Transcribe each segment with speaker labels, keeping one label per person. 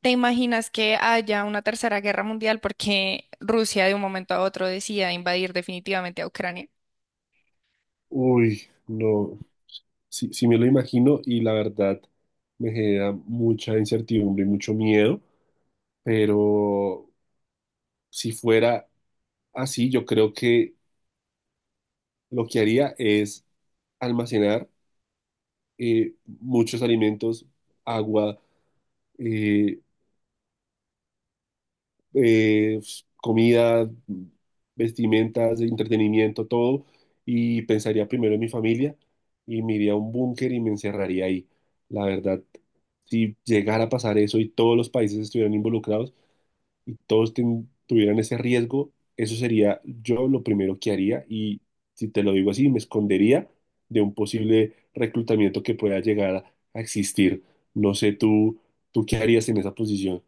Speaker 1: ¿Te imaginas que haya una tercera guerra mundial porque Rusia de un momento a otro decida invadir definitivamente a Ucrania?
Speaker 2: Uy, no, sí, sí me lo imagino y la verdad me genera mucha incertidumbre y mucho miedo, pero si fuera así, yo creo que lo que haría es almacenar muchos alimentos, agua, eh, eh, comida, vestimentas, entretenimiento, todo, y pensaría primero en mi familia y me iría a un búnker y me encerraría ahí. La verdad, si llegara a pasar eso y todos los países estuvieran involucrados y todos tuvieran ese riesgo, eso sería yo lo primero que haría y si te lo digo así, me escondería de un posible reclutamiento que pueda llegar a existir. No sé tú, tú qué harías en esa posición.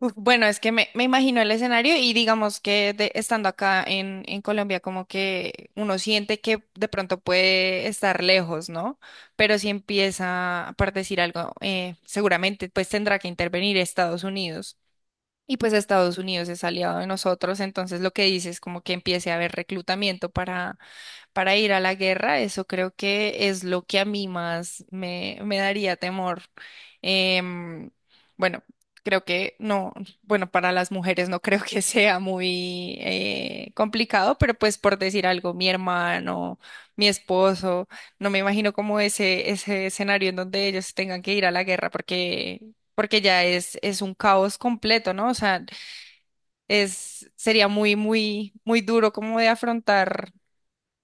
Speaker 1: Uf, bueno, es que me imagino el escenario y digamos que estando acá en Colombia como que uno siente que de pronto puede estar lejos, ¿no? Pero si empieza, por decir algo, seguramente pues tendrá que intervenir Estados Unidos. Y pues Estados Unidos es aliado de nosotros, entonces lo que dice es como que empiece a haber reclutamiento para ir a la guerra, eso creo que es lo que a mí más me daría temor. Em, bueno, creo que no, bueno, para las mujeres no creo que sea muy complicado, pero pues por decir algo, mi hermano, mi esposo, no me imagino como ese escenario en donde ellos tengan que ir a la guerra porque... porque ya es un caos completo, ¿no? O sea, es, sería muy, muy, muy duro como de afrontar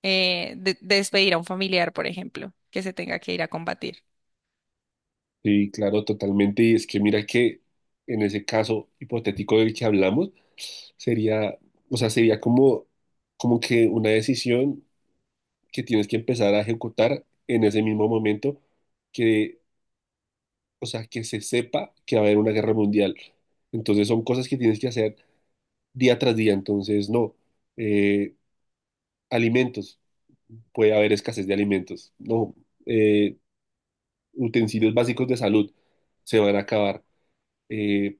Speaker 1: de despedir a un familiar, por ejemplo, ¿que se tenga que ir a combatir?
Speaker 2: Sí, claro, totalmente. Y es que mira que en ese caso hipotético del que hablamos, sería, o sea, sería como, como que una decisión que tienes que empezar a ejecutar en ese mismo momento que, o sea, que se sepa que va a haber una guerra mundial. Entonces son cosas que tienes que hacer día tras día. Entonces, no, eh, alimentos, puede haber escasez de alimentos. No, eh, utensilios básicos de salud se van a acabar. Eh,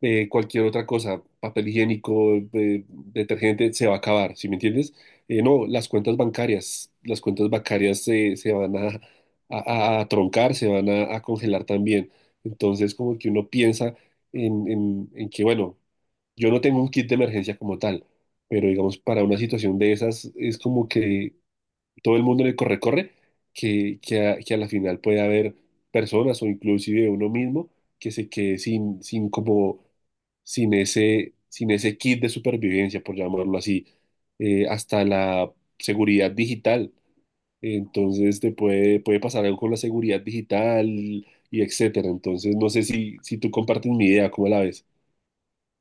Speaker 2: cualquier otra cosa, papel higiénico, detergente, se va a acabar, ¿sí me entiendes? No, las cuentas bancarias, las cuentas bancarias se van a, a- a troncar, se van a congelar también. Entonces, como que uno piensa en, en que, bueno, yo no tengo un kit de emergencia como tal, pero digamos, para una situación de esas es como que todo el mundo en el corre-corre, que a la final puede haber personas o inclusive uno mismo que se quede sin, sin como, sin ese, sin ese kit de supervivencia, por llamarlo así, hasta la seguridad digital. Entonces te puede, puede pasar algo con la seguridad digital y etcétera. Entonces no sé si, si tú compartes mi idea, ¿cómo la ves?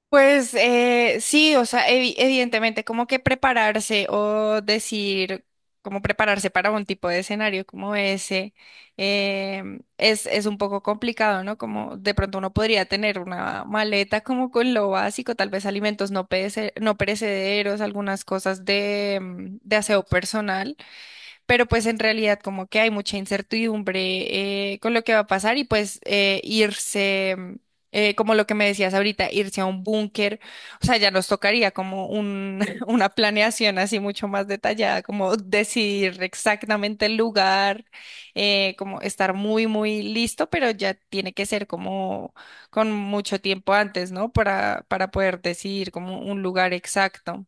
Speaker 1: Pues sí, o sea, evidentemente, como que prepararse o decir, como prepararse para un tipo de escenario como ese, es un poco complicado, ¿no? Como de pronto uno podría tener una maleta como con lo básico, tal vez alimentos no perecederos, algunas cosas de, de aseo personal. Pero pues en realidad como que hay mucha incertidumbre con lo que va a pasar y pues irse, como lo que me decías ahorita, irse a un búnker, o sea, ya nos tocaría como un, una planeación así mucho más detallada, como decidir exactamente el lugar, como estar muy, muy listo, pero ya tiene que ser como con mucho tiempo antes, ¿no? Para poder decidir como un lugar exacto.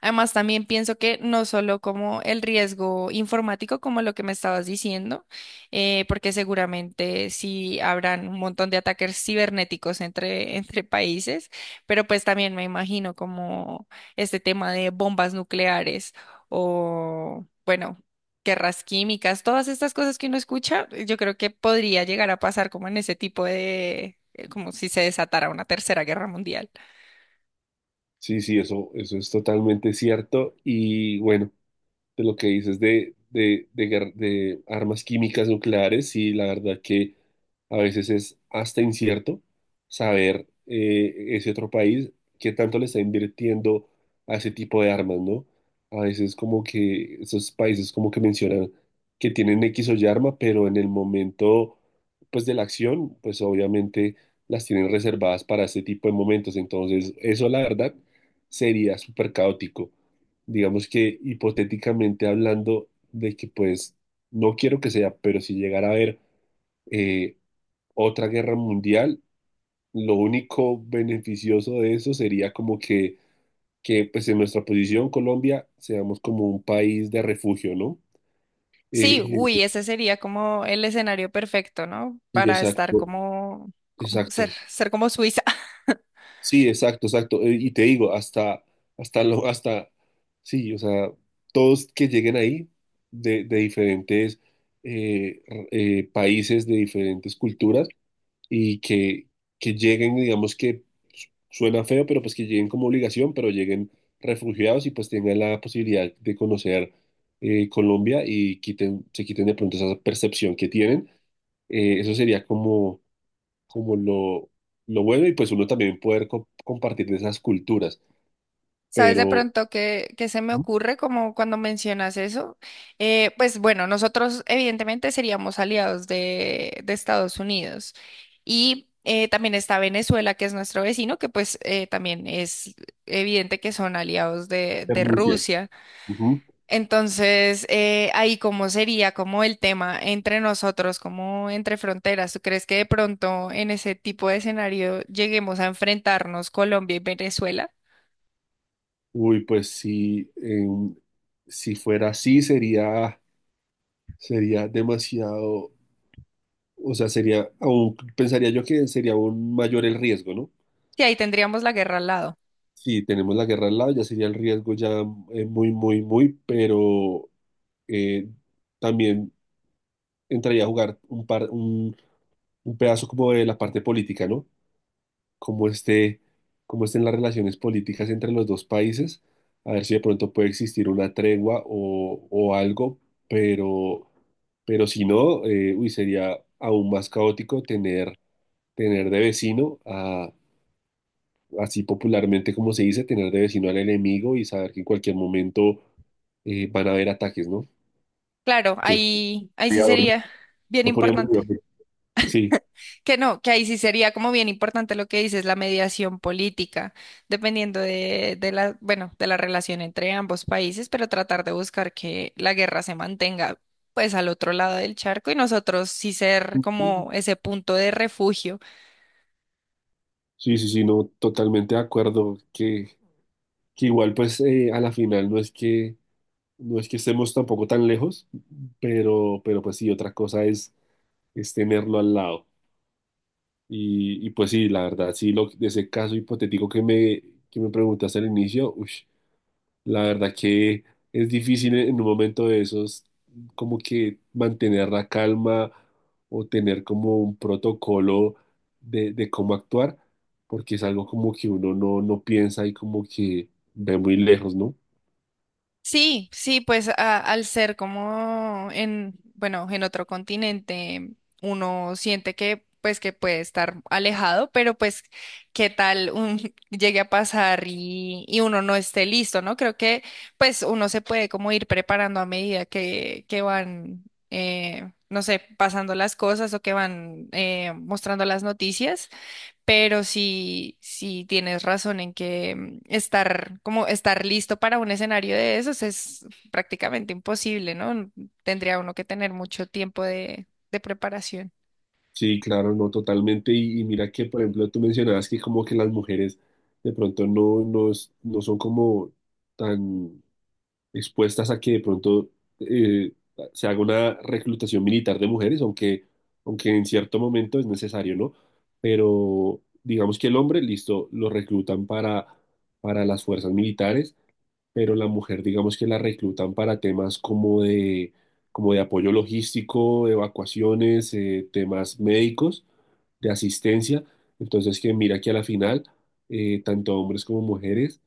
Speaker 1: Además, también pienso que no solo como el riesgo informático, como lo que me estabas diciendo, porque seguramente sí habrán un montón de ataques cibernéticos entre, entre países, pero pues también me imagino como este tema de bombas nucleares o, bueno, guerras químicas, todas estas cosas que uno escucha, yo creo que podría llegar a pasar como en ese tipo de, como si se desatara una tercera guerra mundial.
Speaker 2: Sí, sí, eso es totalmente cierto. Y bueno, de lo que dices de de armas químicas nucleares, y la verdad que a veces es hasta incierto saber ese otro país qué tanto le está invirtiendo a ese tipo de armas, ¿no? A veces como que esos países como que mencionan que tienen X o Y arma, pero en el momento pues de la acción, pues obviamente las tienen reservadas para ese tipo de momentos. Entonces, eso la verdad sería súper caótico digamos que hipotéticamente hablando de que pues no quiero que sea, pero si llegara a haber eh, otra guerra mundial, lo único beneficioso de eso sería como que pues en nuestra posición Colombia seamos como un país de refugio, ¿no?
Speaker 1: Sí,
Speaker 2: Eh,
Speaker 1: uy, ese sería como el escenario perfecto, ¿no?
Speaker 2: sí,
Speaker 1: Para estar
Speaker 2: exacto,
Speaker 1: como, como ser,
Speaker 2: exacto.
Speaker 1: ser como Suiza.
Speaker 2: Sí, exacto, exacto. Y te digo, hasta lo, hasta, sí, o sea, todos que lleguen ahí de diferentes países, de diferentes culturas, y que lleguen, digamos que suena feo, pero pues que lleguen como obligación, pero lleguen refugiados y pues tengan la posibilidad de conocer Colombia y quiten, se quiten de pronto esa percepción que tienen. Eso sería como como lo bueno y pues uno también poder compartir de esas culturas,
Speaker 1: ¿Sabes de
Speaker 2: pero...
Speaker 1: pronto qué, qué se me
Speaker 2: Ujú.
Speaker 1: ocurre como cuando mencionas eso? Pues bueno, nosotros evidentemente seríamos aliados de Estados Unidos y también está Venezuela, que es nuestro vecino, que pues también es evidente que son aliados de
Speaker 2: Renuncia.
Speaker 1: Rusia.
Speaker 2: Ujú.
Speaker 1: Entonces, ahí cómo sería como el tema entre nosotros, como entre fronteras. ¿Tú crees que de pronto en ese tipo de escenario lleguemos a enfrentarnos Colombia y Venezuela?
Speaker 2: Uy, pues si, si fuera así sería, sería demasiado, o sea, sería, aún pensaría yo que sería aún mayor el riesgo, ¿no?
Speaker 1: Sí, ahí tendríamos la guerra al lado.
Speaker 2: Si tenemos la guerra al lado, ya sería el riesgo ya muy, muy, muy, pero eh, también entraría a jugar un pedazo como de la parte política, ¿no? Cómo esté, cómo estén las relaciones políticas entre los dos países, a ver si de pronto puede existir una tregua o algo, pero, pero si no, uy, sería aún más caótico tener, tener de vecino a, así popularmente como se dice, tener de vecino al enemigo y saber que en cualquier momento van a haber ataques, ¿no?
Speaker 1: Claro,
Speaker 2: Entonces,
Speaker 1: ahí, ahí sí
Speaker 2: cuidador, no.
Speaker 1: sería bien
Speaker 2: No podríamos
Speaker 1: importante.
Speaker 2: vivir. Sí,
Speaker 1: Que no, que ahí sí sería como bien importante lo que dices, la mediación política, dependiendo de la, bueno, de la relación entre ambos países, pero tratar de buscar que la guerra se mantenga pues al otro lado del charco y nosotros sí ser como ese punto de refugio.
Speaker 2: sí, sí, sí, no, totalmente de acuerdo que igual pues a la final no es que no es que estemos tampoco tan lejos, pero pues sí, otra cosa es tenerlo al lado. Y pues sí, la verdad, sí, lo, de ese caso hipotético que me preguntaste al inicio, ush, la verdad que es difícil e, en un momento de esos como que mantener la calma o tener como un protocolo de cómo actuar, porque es algo como que uno no, no piensa y como que ve muy lejos, ¿no?
Speaker 1: Sí, sí, pues al ser como en, bueno, en otro continente, uno siente que pues que puede estar alejado, pero pues qué tal un, llegue a pasar y uno no esté listo, ¿no? Creo que pues uno se puede como ir preparando a medida que van, no sé, pasando las cosas o que van mostrando las noticias. Pero sí, sí tienes razón en que mm, estar, como estar listo para un escenario de esos es prácticamente imposible, ¿no? Tendría uno que tener mucho tiempo de preparación.
Speaker 2: Sí, claro, no, totalmente. Y mira que, por ejemplo, tú mencionabas que como que las mujeres de pronto no, no, no son como tan expuestas a que de pronto eh, se haga una reclutación militar de mujeres, aunque, aunque en cierto momento es necesario, ¿no? Pero digamos que el hombre, listo, lo reclutan para las fuerzas militares, pero la mujer, digamos que la reclutan para temas como de apoyo logístico, evacuaciones, temas médicos, de asistencia. Entonces, que mira que a la final, tanto hombres como mujeres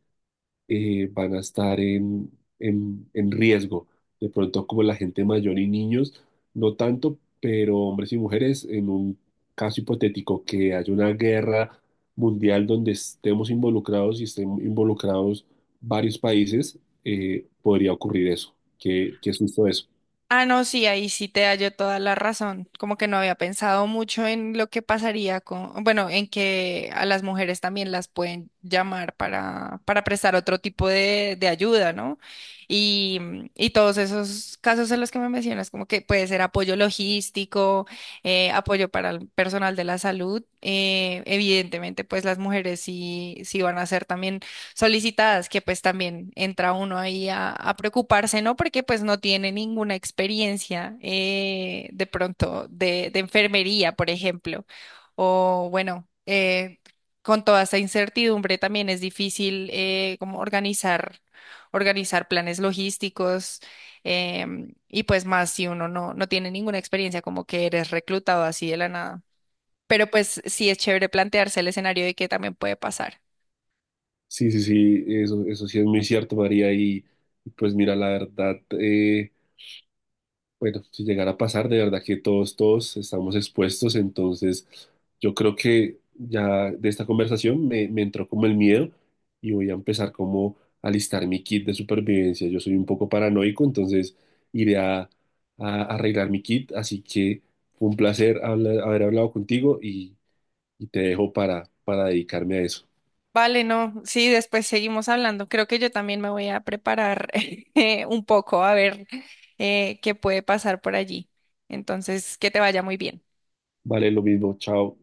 Speaker 2: van a estar en riesgo. De pronto, como la gente mayor y niños, no tanto, pero hombres y mujeres, en un caso hipotético que haya una guerra mundial donde estemos involucrados y estén involucrados varios países, podría ocurrir eso. Qué, qué susto eso.
Speaker 1: Ah, no, sí, ahí sí te hallo toda la razón. Como que no había pensado mucho en lo que pasaría con, bueno, en que a las mujeres también las pueden llamar para prestar otro tipo de ayuda, ¿no? Y, y todos esos casos en los que me mencionas, como que puede ser apoyo logístico, apoyo para el personal de la salud. Evidentemente, pues las mujeres sí, sí van a ser también solicitadas, que pues también entra uno ahí a preocuparse, ¿no? Porque pues no tiene ninguna experiencia de pronto de enfermería, por ejemplo. O bueno, con toda esta incertidumbre también es difícil como organizar, organizar planes logísticos y pues más si uno no, no tiene ninguna experiencia, como que eres reclutado así de la nada. Pero pues sí es chévere plantearse el escenario de qué también puede pasar.
Speaker 2: Sí, sí, sí, eso sí es muy cierto, María. Y pues mira, la verdad, bueno, si llegara a pasar, de verdad que todos, todos estamos expuestos, entonces yo creo que ya de esta conversación me, me entró como el miedo y voy a empezar como a listar mi kit de supervivencia. Yo soy un poco paranoico, entonces iré a, a- arreglar mi kit, así que fue un placer haber hablado contigo y te dejo para dedicarme a eso.
Speaker 1: Vale, no, sí, después seguimos hablando. Creo que yo también me voy a preparar un poco a ver qué puede pasar por allí. Entonces, que te vaya muy bien.
Speaker 2: Vale, lo mismo, chao.